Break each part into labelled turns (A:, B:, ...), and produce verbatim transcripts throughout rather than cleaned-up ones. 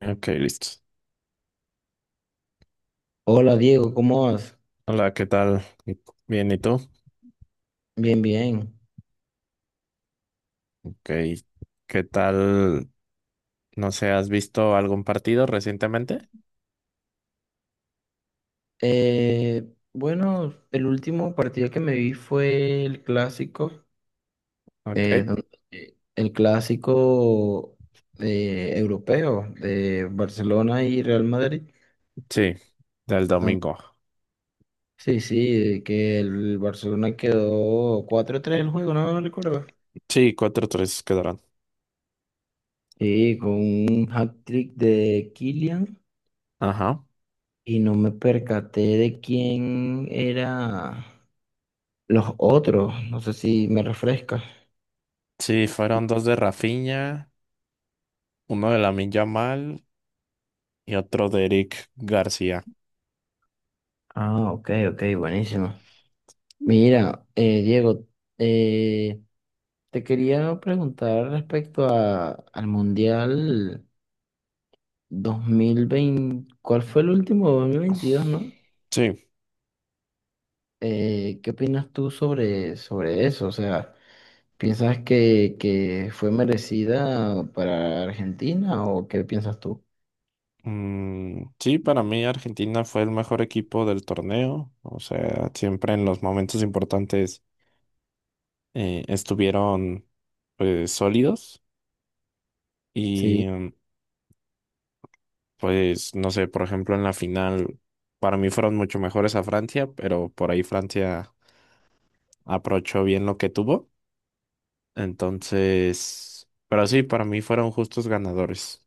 A: Ok, listo.
B: Hola Diego, ¿cómo vas?
A: Hola, ¿qué tal? Y- Bien, ¿y tú?
B: Bien, bien.
A: Ok, ¿qué tal? No sé, ¿has visto algún partido recientemente?
B: Eh, bueno, el último partido que me vi fue el clásico,
A: Ok,
B: eh, donde- eh, el clásico eh, europeo de Barcelona y Real Madrid.
A: sí, del
B: donde-
A: domingo.
B: sí, sí, de que el Barcelona quedó cuatro tres el juego, no no recuerdo.
A: Sí, cuatro tres quedarán.
B: Sí, con un hat-trick de Kylian,
A: Ajá.
B: y no me percaté de quién era. Los otros, no sé si me refrescas.
A: Sí, fueron dos de Rafinha, uno de Lamine Yamal y otro de Eric García.
B: Ah, ok, ok, buenísimo. Mira, eh, Diego, eh, te quería preguntar respecto a, al Mundial dos mil veinte, ¿cuál fue el último dos mil veintidós, no?
A: Sí,
B: Eh, ¿qué opinas tú sobre, sobre eso? O sea, ¿piensas que, que fue merecida para Argentina o qué piensas tú?
A: mm, sí, para mí Argentina fue el mejor equipo del torneo. O sea, siempre en los momentos importantes eh, estuvieron, pues, sólidos. Y
B: Sí,
A: mm, pues, no sé, por ejemplo, en la final, para mí fueron mucho mejores a Francia, pero por ahí Francia aprovechó bien lo que tuvo. Entonces, pero sí, para mí fueron justos ganadores.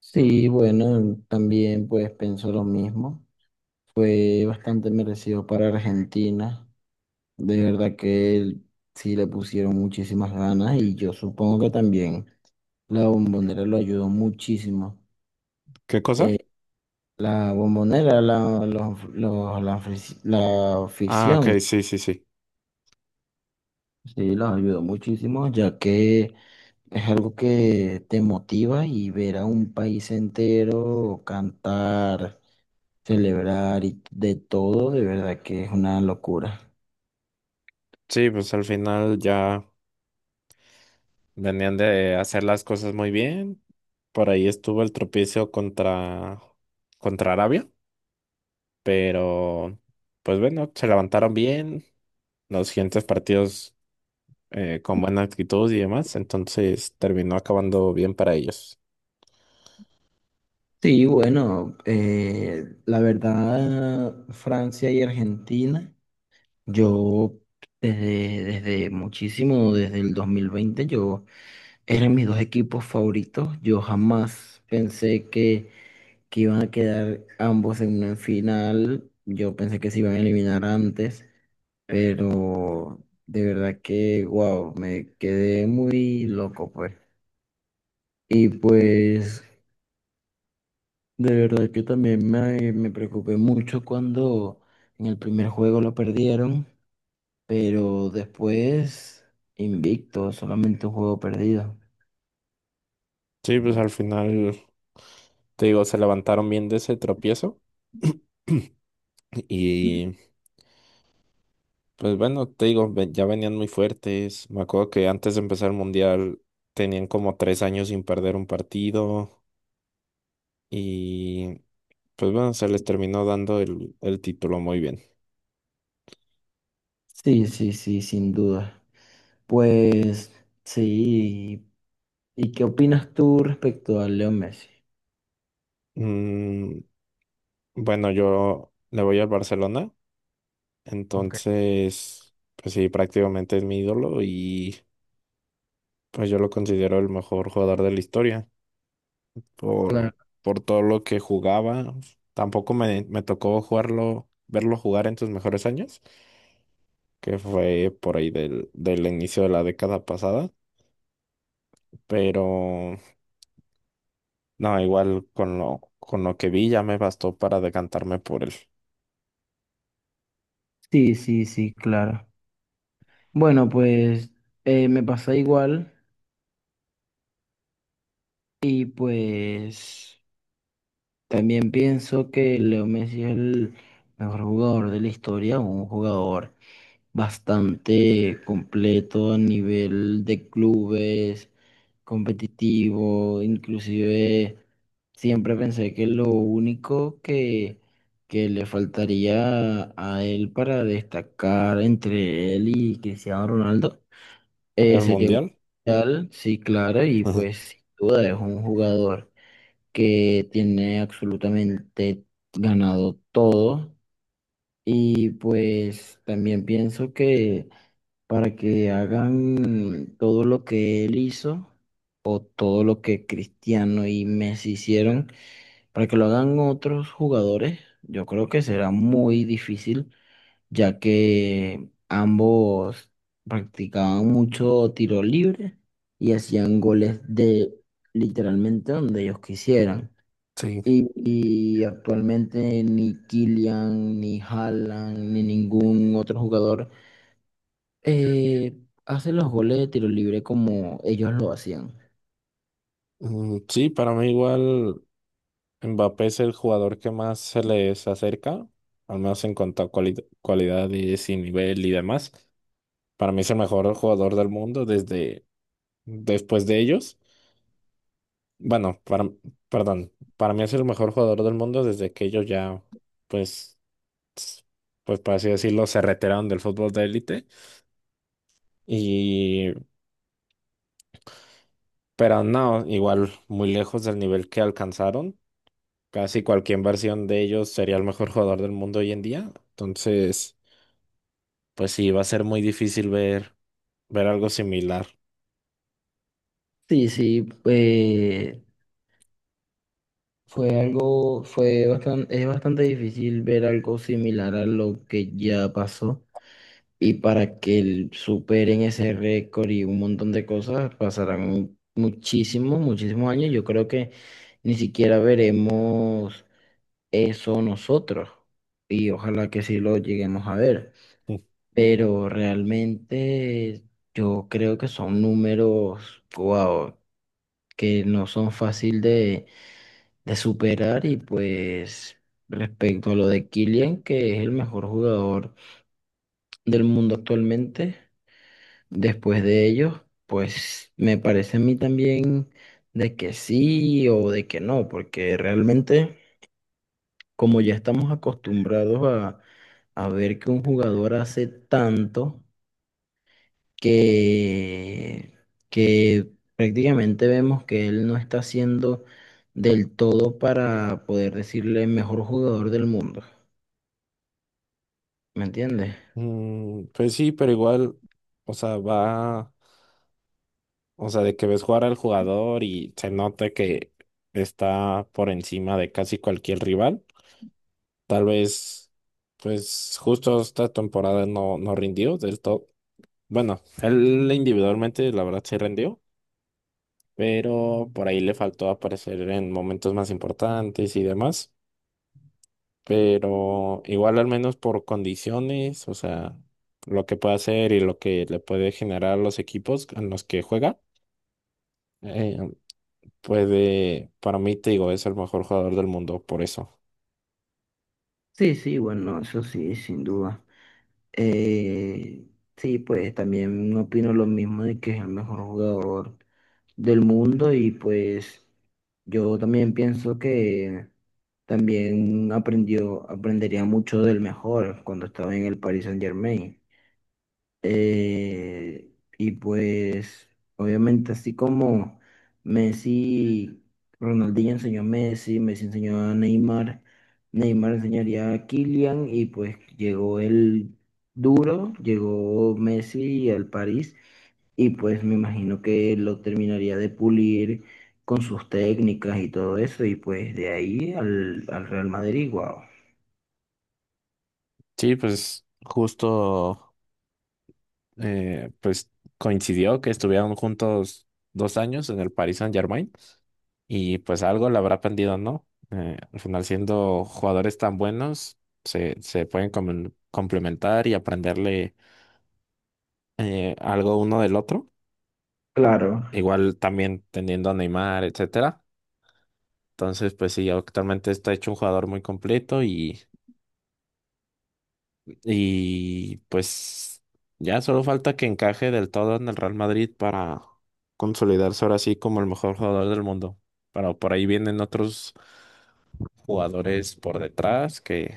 B: sí, bueno, también pues pienso lo mismo. Fue bastante merecido para Argentina. De verdad que él sí le pusieron muchísimas ganas, y yo supongo que también la Bombonera lo ayudó muchísimo.
A: ¿Qué cosa?
B: Eh, la Bombonera, la, los- los- la, afic- la
A: Ah,
B: afición,
A: ok, sí, sí, sí.
B: sí, los ayudó muchísimo, ya que es algo que te motiva, y ver a un país entero cantar, celebrar y de todo, de verdad que es una locura.
A: Sí, pues al final ya venían de hacer las cosas muy bien. Por ahí estuvo el tropiezo contra, contra Arabia, pero pues bueno, se levantaron bien. Los siguientes partidos. Eh, con buena actitud y demás, entonces terminó acabando bien para ellos.
B: Sí, bueno, eh, la verdad, Francia y Argentina, yo desde, desde muchísimo, desde el dos mil veinte, yo eran mis dos equipos favoritos. Yo jamás pensé que, que iban a quedar ambos en una final. Yo pensé que se iban a eliminar antes, pero de verdad que, wow, me quedé muy loco, pues. Y pues de verdad que también me, me preocupé mucho cuando en el primer juego lo perdieron, pero después invicto, solamente un juego perdido.
A: Sí, pues al final, te digo, se levantaron bien de ese tropiezo y pues bueno, te digo, ve- ya venían muy fuertes. Me acuerdo que antes de empezar el mundial tenían como tres años sin perder un partido y pues bueno, se les terminó dando el, el título muy bien.
B: Sí, sí, sí, sin duda. Pues sí, ¿y qué opinas tú respecto a Leo Messi?
A: Mm, bueno, yo le voy al Barcelona,
B: Ok.
A: entonces, pues sí, prácticamente es mi ídolo y pues yo lo considero el mejor jugador de la historia por,
B: Claro.
A: por todo lo que jugaba. Tampoco me, me tocó jugarlo, verlo jugar en sus mejores años, que fue por ahí del, del inicio de la década pasada, pero no, igual con lo, con lo que vi ya me bastó para decantarme por el,
B: Sí, sí, sí, claro. Bueno, pues eh, me pasa igual y pues... También pienso que Leo Messi es el mejor jugador de la historia, un jugador bastante completo a nivel de clubes, competitivo, inclusive siempre pensé que lo único que, que le faltaría a él para destacar entre él y Cristiano Ronaldo eh,
A: el
B: sería un
A: Mundial.
B: mundial, sí, claro, y
A: Ujú.
B: pues sin duda es un jugador que tiene absolutamente ganado todo. Y pues también pienso que para que hagan todo lo que él hizo, todo lo que Cristiano y Messi hicieron, para que lo hagan otros jugadores, yo creo que será muy difícil, ya que ambos practicaban mucho tiro libre y hacían goles de literalmente donde ellos quisieran.
A: Sí.
B: Y, y actualmente ni Kylian, ni Haaland, ni ningún otro jugador eh, hace los goles de tiro libre como ellos lo hacían.
A: Mm, sí, para mí igual Mbappé es el jugador que más se les acerca, al menos en cuanto a cuali- cualidades y nivel y demás. Para mí es el mejor jugador del mundo desde después de ellos. Bueno, para, perdón, para mí es el mejor jugador del mundo desde que ellos ya, pues, s- pues por así decirlo, se retiraron del fútbol de élite. Y pero no, igual muy lejos del nivel que alcanzaron. Casi cualquier versión de ellos sería el mejor jugador del mundo hoy en día. Entonces, pues sí, va a ser muy difícil ver, ver algo similar.
B: Sí, sí, eh, fue algo, fue bastante, es bastante difícil ver algo similar a lo que ya pasó. Y para que el- superen ese récord y un montón de cosas, pasarán muchísimos, muchísimos años. Yo creo que ni siquiera veremos eso nosotros, y ojalá que sí lo lleguemos a ver, pero realmente yo creo que son números, wow, que no son fácil de, de superar, y pues respecto a lo de Kylian, que es el mejor jugador del mundo actualmente, después de ellos, pues me parece a mí también de que sí o de que no, porque realmente... como ya estamos acostumbrados a, a ver que un jugador hace tanto que, que prácticamente vemos que él no está haciendo del todo para poder decirle mejor jugador del mundo. ¿Me entiendes?
A: Mm, pues sí, pero igual, o sea, va, o sea, de que ves jugar al jugador y se nota que está por encima de casi cualquier rival. Tal vez, pues justo esta temporada no, no rindió del todo. Bueno, él individualmente, la verdad, sí rindió, pero por ahí le faltó aparecer en momentos más importantes y demás. Pero igual al menos por condiciones, o sea, lo que puede hacer y lo que le puede generar a los equipos en los que juega, eh, puede, para mí te digo, es el mejor jugador del mundo por eso.
B: Sí, sí, bueno, eso sí, sin duda. Eh, sí, pues también no opino lo mismo de que es el mejor jugador del mundo, y pues yo también pienso que también aprendió, aprendería mucho del mejor cuando estaba en el Paris Saint-Germain. Eh, y pues, obviamente, así como Messi, Ronaldinho enseñó a Messi, Messi enseñó a Neymar, Neymar enseñaría a Kylian, y pues llegó el duro, llegó Messi al París, y pues me imagino que lo terminaría de pulir con sus técnicas y todo eso, y pues de ahí al, al Real Madrid, wow.
A: Sí, pues justo. Eh, pues coincidió que estuvieron juntos dos años en el Paris Saint-Germain y pues algo le habrá aprendido, ¿no? Eh, al final siendo jugadores tan buenos, se, se pueden comen- complementar y aprenderle eh, algo uno del otro.
B: Claro.
A: Igual también teniendo a Neymar, etcétera. Entonces, pues sí, actualmente está hecho un jugador muy completo y Y pues ya solo falta que encaje del todo en el Real Madrid para consolidarse ahora sí como el mejor jugador del mundo. Pero por ahí vienen otros jugadores por detrás que,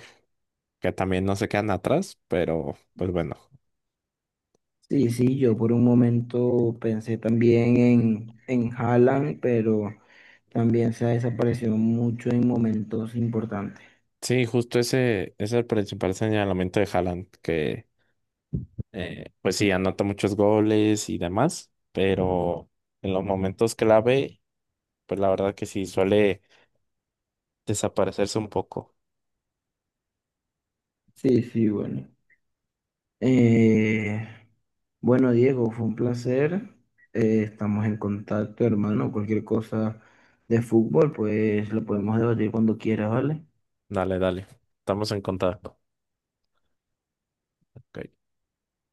A: que también no se quedan atrás, pero pues bueno.
B: Sí, sí, yo por un momento pensé también en, en Haaland, pero también se ha desaparecido mucho en momentos importantes.
A: Sí, justo ese es el principal señalamiento de Haaland, que eh, pues sí, anota muchos goles y demás, pero en los momentos clave, pues la verdad que sí, suele desaparecerse un poco.
B: Sí, sí, bueno. Eh, bueno, Diego, fue un placer. Eh, estamos en contacto, hermano. Cualquier cosa de fútbol, pues lo podemos debatir cuando quieras, ¿vale?
A: Dale, dale, estamos en contacto. Ok.